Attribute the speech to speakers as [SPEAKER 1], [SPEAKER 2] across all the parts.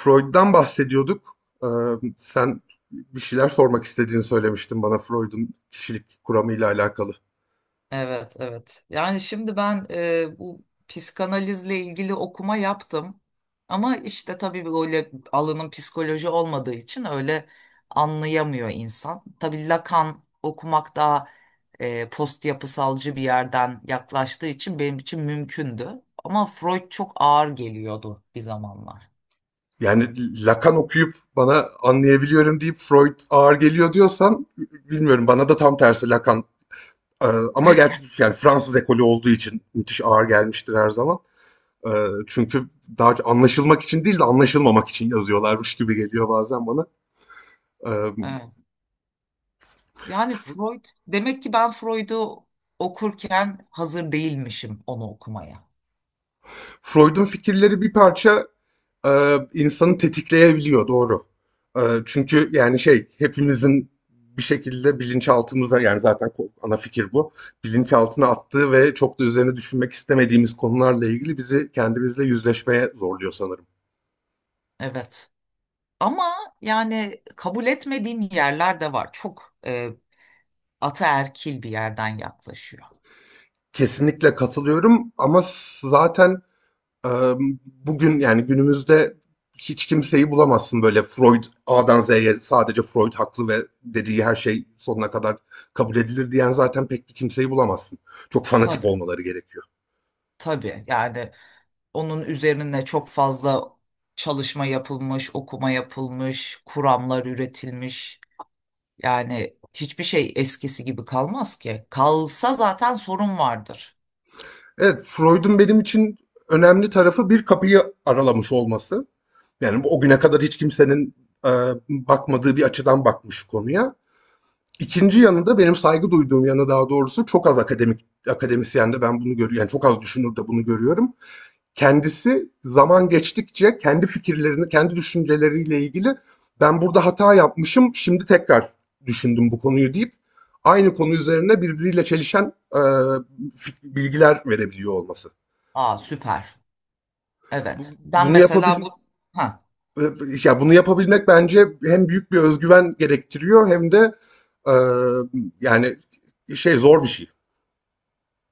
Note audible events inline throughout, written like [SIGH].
[SPEAKER 1] Freud'dan bahsediyorduk. Ee, Sen bir şeyler sormak istediğini söylemiştin bana Freud'un kişilik kuramıyla alakalı.
[SPEAKER 2] Evet, evet. Yani şimdi ben bu psikanalizle ilgili okuma yaptım. Ama işte tabii böyle alanın psikoloji olmadığı için öyle anlayamıyor insan. Tabii Lacan okumak daha post yapısalcı bir yerden yaklaştığı için benim için mümkündü. Ama Freud çok ağır geliyordu bir zamanlar.
[SPEAKER 1] Yani Lacan okuyup bana anlayabiliyorum deyip Freud ağır geliyor diyorsan bilmiyorum, bana da tam tersi Lacan Ee, ama gerçek, yani Fransız ekolü olduğu için müthiş ağır gelmiştir her zaman. Çünkü daha anlaşılmak için değil de anlaşılmamak için yazıyorlarmış gibi geliyor bazen bana. Ee,
[SPEAKER 2] Evet. Yani Freud demek ki ben Freud'u okurken hazır değilmişim onu okumaya.
[SPEAKER 1] Freud'un fikirleri bir parça insanı tetikleyebiliyor, doğru. E, çünkü yani şey, hepimizin bir şekilde bilinçaltımıza, yani zaten ana fikir bu. Bilinçaltına attığı ve çok da üzerine düşünmek istemediğimiz konularla ilgili bizi kendimizle yüzleşmeye zorluyor sanırım.
[SPEAKER 2] Evet. Ama yani kabul etmediğim yerler de var. Çok ataerkil bir yerden yaklaşıyor.
[SPEAKER 1] Kesinlikle katılıyorum ama zaten Eee, bugün yani günümüzde hiç kimseyi bulamazsın böyle Freud A'dan Z'ye sadece Freud haklı ve dediği her şey sonuna kadar kabul edilir diyen, zaten pek bir kimseyi bulamazsın. Çok fanatik
[SPEAKER 2] Tabii,
[SPEAKER 1] olmaları gerekiyor.
[SPEAKER 2] tabii. Yani onun üzerine çok fazla çalışma yapılmış, okuma yapılmış, kuramlar üretilmiş. Yani hiçbir şey eskisi gibi kalmaz ki. Kalsa zaten sorun vardır.
[SPEAKER 1] Evet, Freud'un benim için önemli tarafı bir kapıyı aralamış olması. Yani o güne kadar hiç kimsenin e, bakmadığı bir açıdan bakmış konuya. İkinci yanı da, benim saygı duyduğum yanı daha doğrusu, çok az akademik akademisyen de ben bunu görüyorum. Yani çok az düşünür de bunu görüyorum. Kendisi zaman geçtikçe kendi fikirlerini, kendi düşünceleriyle ilgili ben burada hata yapmışım, şimdi tekrar düşündüm bu konuyu deyip aynı konu üzerine birbiriyle çelişen bilgiler verebiliyor olması.
[SPEAKER 2] Aa, süper.
[SPEAKER 1] Bu-
[SPEAKER 2] Evet. Ben
[SPEAKER 1] bunu
[SPEAKER 2] mesela
[SPEAKER 1] yapabil
[SPEAKER 2] bu ha,
[SPEAKER 1] e, Ya bunu yapabilmek bence hem büyük bir özgüven gerektiriyor hem de e, yani şey, zor bir şey.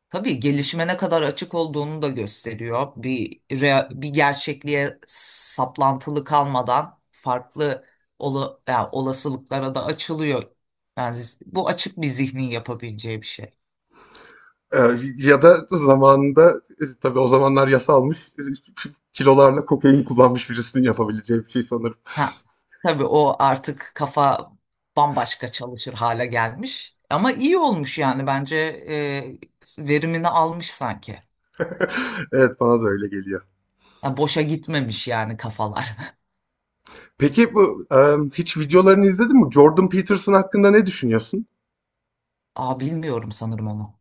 [SPEAKER 2] tabii gelişime ne kadar açık olduğunu da gösteriyor. Bir gerçekliğe saplantılı kalmadan farklı yani olasılıklara da açılıyor. Yani bu açık bir zihnin yapabileceği bir şey.
[SPEAKER 1] Ee, Ya da zamanında, tabii o zamanlar yasalmış, kilolarla kokain kullanmış birisinin yapabileceği bir şey sanırım.
[SPEAKER 2] Ha, tabii o artık kafa bambaşka çalışır hale gelmiş. Ama iyi olmuş yani bence verimini almış sanki.
[SPEAKER 1] [LAUGHS] Evet, bana da öyle geliyor.
[SPEAKER 2] Ha, boşa gitmemiş yani kafalar.
[SPEAKER 1] Peki bu hiç videolarını izledin mi? Jordan Peterson hakkında ne düşünüyorsun?
[SPEAKER 2] [LAUGHS] Aa, bilmiyorum sanırım onu.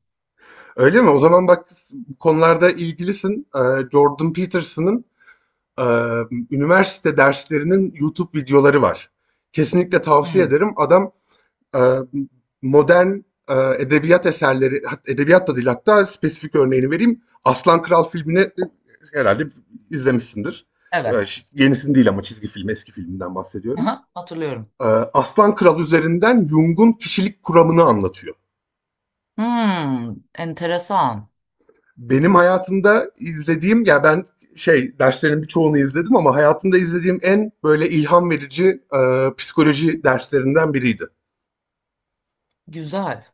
[SPEAKER 1] Öyle mi? O zaman bak, bu konularda ilgilisin. Jordan Peterson'ın eee, üniversite derslerinin YouTube videoları var. Kesinlikle tavsiye
[SPEAKER 2] Hmm,
[SPEAKER 1] ederim. Adam e, modern edebiyat eserleri, edebiyat da değil hatta, spesifik örneğini vereyim. Aslan Kral filmini herhalde izlemişsindir.
[SPEAKER 2] evet.
[SPEAKER 1] Yenisini değil ama, çizgi film, eski filminden bahsediyorum.
[SPEAKER 2] Aha, hatırlıyorum.
[SPEAKER 1] E, Aslan Kral üzerinden Jung'un kişilik kuramını anlatıyor.
[SPEAKER 2] Hmm, enteresan.
[SPEAKER 1] Benim hayatımda izlediğim, ya ben şey, derslerin birçoğunu izledim ama hayatımda izlediğim en böyle ilham verici psikoloji derslerinden biriydi.
[SPEAKER 2] Güzel.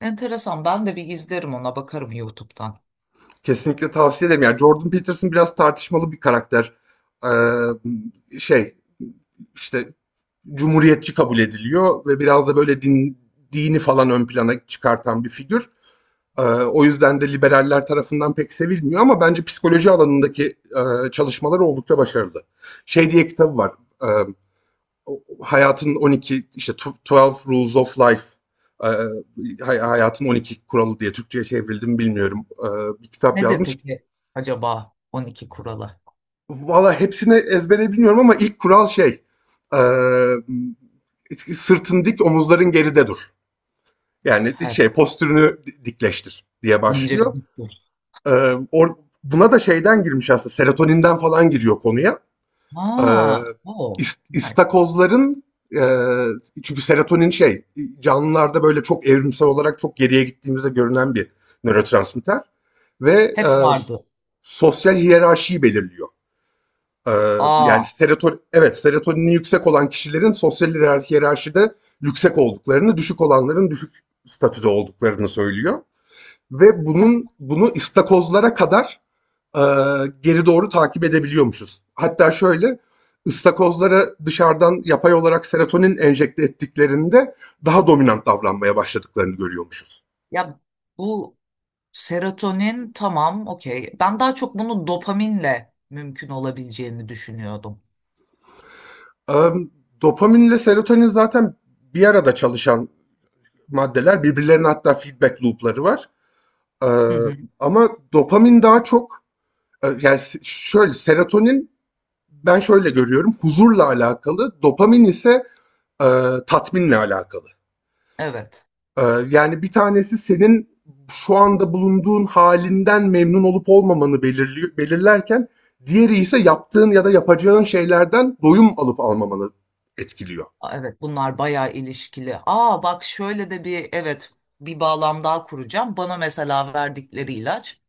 [SPEAKER 2] Enteresan. Ben de bir izlerim ona bakarım YouTube'dan.
[SPEAKER 1] Kesinlikle tavsiye ederim. Yani Jordan Peterson biraz tartışmalı bir karakter. Şey işte, cumhuriyetçi kabul ediliyor ve biraz da böyle din, dini falan ön plana çıkartan bir figür. O yüzden de liberaller tarafından pek sevilmiyor ama bence psikoloji alanındaki çalışmaları oldukça başarılı. Şey diye kitabı var. Ee, Hayatın 12 işte, Twelve Rules of Life, e, hayatın 12 kuralı diye Türkçe'ye çevrildi mi bilmiyorum. Bir kitap
[SPEAKER 2] Nedir
[SPEAKER 1] yazmış.
[SPEAKER 2] peki acaba 12 kuralı?
[SPEAKER 1] Valla hepsini ezbere bilmiyorum ama ilk kural şey, eee, sırtın dik, omuzların geride dur. Yani
[SPEAKER 2] Evet.
[SPEAKER 1] şey, postürünü dikleştir diye
[SPEAKER 2] Önce bir
[SPEAKER 1] başlıyor.
[SPEAKER 2] dur.
[SPEAKER 1] Eee, or- Buna da şeyden girmiş aslında, serotoninden falan giriyor konuya. Eee
[SPEAKER 2] Aa, o. Hayır.
[SPEAKER 1] istakozların, eee, çünkü serotonin şey, canlılarda böyle çok evrimsel olarak çok geriye gittiğimizde görünen bir nörotransmitter. Ve
[SPEAKER 2] Hep vardı.
[SPEAKER 1] sosyal hiyerarşiyi belirliyor.
[SPEAKER 2] Aa,
[SPEAKER 1] Yani serotonin, evet, serotonini yüksek olan kişilerin sosyal hiyerarşide yüksek olduklarını, düşük olanların düşük statüde olduklarını söylüyor. Ve bunu istakozlara kadar e, geri doğru takip edebiliyormuşuz. Hatta şöyle, ıstakozlara dışarıdan yapay olarak serotonin enjekte ettiklerinde daha dominant davranmaya başladıklarını görüyormuşuz.
[SPEAKER 2] ya bu serotonin tamam, okey. Ben daha çok bunu dopaminle mümkün olabileceğini düşünüyordum.
[SPEAKER 1] Ee, Dopaminle serotonin zaten bir arada çalışan maddeler. Birbirlerine hatta feedback loop'ları var. Ee,
[SPEAKER 2] Hı hı.
[SPEAKER 1] Ama dopamin daha çok şöyle, serotonin ben şöyle görüyorum, huzurla alakalı, dopamin ise e, tatminle alakalı.
[SPEAKER 2] Evet.
[SPEAKER 1] Ee, Yani bir tanesi senin şu anda bulunduğun halinden memnun olup olmamanı belirlerken diğeri ise yaptığın ya da yapacağın şeylerden doyum alıp almamanı etkiliyor.
[SPEAKER 2] Aa, evet, bunlar bayağı ilişkili. Aa, bak şöyle de bir evet, bir bağlam daha kuracağım. Bana mesela verdikleri ilaç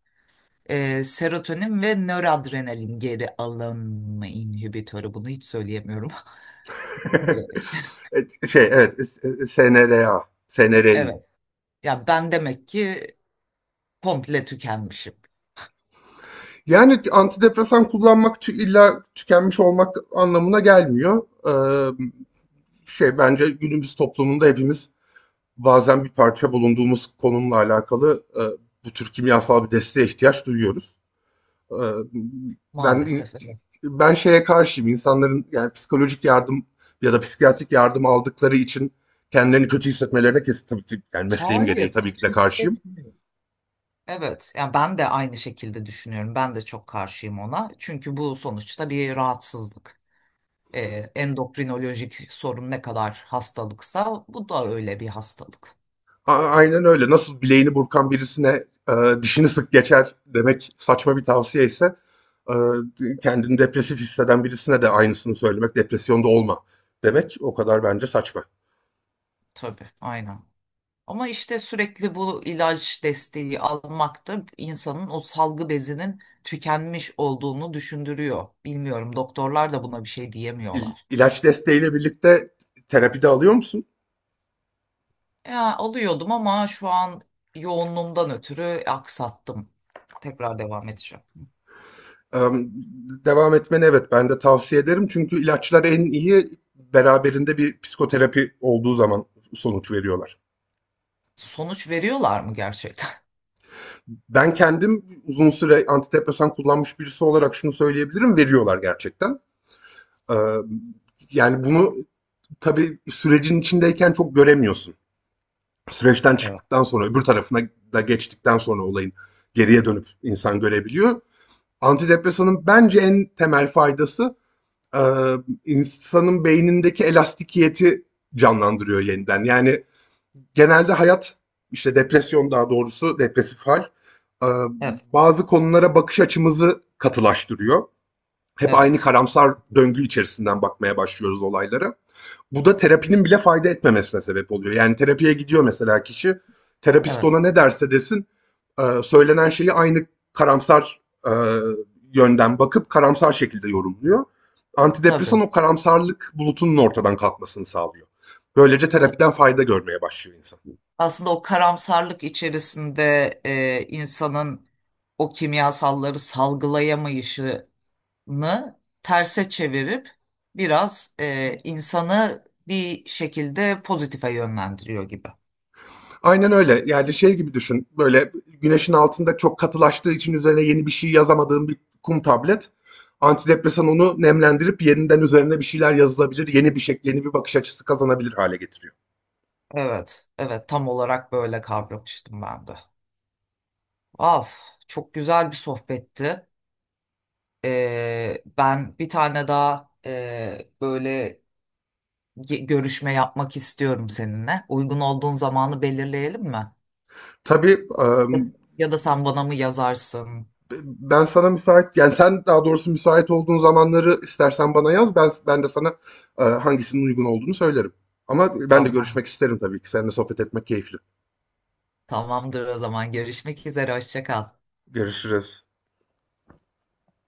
[SPEAKER 2] serotonin ve nöradrenalin geri alınma inhibitörü. Bunu hiç söyleyemiyorum. [LAUGHS] E,
[SPEAKER 1] [LAUGHS] SNRA, SNRI.
[SPEAKER 2] Evet. Ya ben demek ki komple tükenmişim.
[SPEAKER 1] Yani antidepresan kullanmak illa tükenmiş olmak anlamına gelmiyor. Şey, bence günümüz toplumunda hepimiz bazen bir parça bulunduğumuz konumla alakalı bu tür kimyasal bir desteğe ihtiyaç duyuyoruz. Ee, ben
[SPEAKER 2] Maalesef evet.
[SPEAKER 1] ben şeye karşıyım. İnsanların, yani psikolojik yardım ya da psikiyatrik yardım aldıkları için kendilerini kötü hissetmelerine kesin tabii yani mesleğim gereği
[SPEAKER 2] Hayır,
[SPEAKER 1] tabii ki
[SPEAKER 2] kötü
[SPEAKER 1] de karşıyım.
[SPEAKER 2] hissetmiyorum. Evet, yani ben de aynı şekilde düşünüyorum. Ben de çok karşıyım ona. Çünkü bu sonuçta bir rahatsızlık. Ee, Endokrinolojik sorun ne kadar hastalıksa bu da öyle bir hastalık.
[SPEAKER 1] Aynen öyle. Nasıl bileğini burkan birisine e, dişini sık geçer demek saçma bir tavsiye ise e, kendini depresif hisseden birisine de aynısını söylemek, depresyonda olma demek o kadar bence saçma.
[SPEAKER 2] Tabii, aynen. Ama işte sürekli bu ilaç desteği almak da insanın o salgı bezinin tükenmiş olduğunu düşündürüyor. Bilmiyorum, doktorlar da buna bir şey diyemiyorlar.
[SPEAKER 1] İlaç desteğiyle birlikte terapi de alıyor musun?
[SPEAKER 2] Ya alıyordum ama şu an yoğunluğumdan ötürü aksattım. Tekrar devam edeceğim.
[SPEAKER 1] Ee, Devam etmeni, evet, ben de tavsiye ederim. Çünkü ilaçlar en iyi beraberinde bir psikoterapi olduğu zaman sonuç veriyorlar.
[SPEAKER 2] Sonuç veriyorlar mı gerçekten?
[SPEAKER 1] Ben kendim uzun süre antidepresan kullanmış birisi olarak şunu söyleyebilirim, veriyorlar gerçekten. Ee, Yani bunu tabii sürecin içindeyken çok göremiyorsun. Süreçten
[SPEAKER 2] [LAUGHS] Evet.
[SPEAKER 1] çıktıktan sonra, öbür tarafına da geçtikten sonra olayın, geriye dönüp insan görebiliyor. Antidepresanın bence en temel faydası, eee, insanın beynindeki elastikiyeti canlandırıyor yeniden. Yani genelde hayat, işte depresyon daha doğrusu, depresif hal, eee,
[SPEAKER 2] Evet.
[SPEAKER 1] bazı konulara bakış açımızı katılaştırıyor. Hep aynı
[SPEAKER 2] Evet.
[SPEAKER 1] karamsar döngü içerisinden bakmaya başlıyoruz olaylara. Bu da terapinin bile fayda etmemesine sebep oluyor. Yani terapiye gidiyor mesela kişi, terapist ona
[SPEAKER 2] Evet.
[SPEAKER 1] ne derse desin, söylenen şeyi aynı karamsar e, yönden bakıp karamsar şekilde yorumluyor. Antidepresan
[SPEAKER 2] Tabii.
[SPEAKER 1] o karamsarlık bulutunun ortadan kalkmasını sağlıyor. Böylece terapiden fayda görmeye başlıyor insan.
[SPEAKER 2] Aslında o karamsarlık içerisinde insanın o kimyasalları salgılayamayışı mı terse çevirip biraz insanı bir şekilde pozitife yönlendiriyor gibi.
[SPEAKER 1] Aynen öyle. Yani şey gibi düşün. Böyle güneşin altında çok katılaştığı için üzerine yeni bir şey yazamadığın bir kum tablet. Antidepresan onu nemlendirip yeniden üzerine bir şeyler yazılabilir, yeni bir şekil, yeni bir bakış açısı kazanabilir hale getiriyor.
[SPEAKER 2] Evet, evet tam olarak böyle kavramıştım ben de. Af, çok güzel bir sohbetti. Ben bir tane daha böyle görüşme yapmak istiyorum seninle. Uygun olduğun zamanı belirleyelim mi?
[SPEAKER 1] Tabii
[SPEAKER 2] Ya, ya da sen bana mı yazarsın?
[SPEAKER 1] ben sana müsait, yani sen daha doğrusu müsait olduğun zamanları istersen bana yaz. Ben de sana hangisinin uygun olduğunu söylerim. Ama ben de
[SPEAKER 2] Tamam.
[SPEAKER 1] görüşmek isterim tabii ki. Seninle sohbet etmek keyifli.
[SPEAKER 2] Tamamdır o zaman. Görüşmek üzere. Hoşça kal.
[SPEAKER 1] Görüşürüz.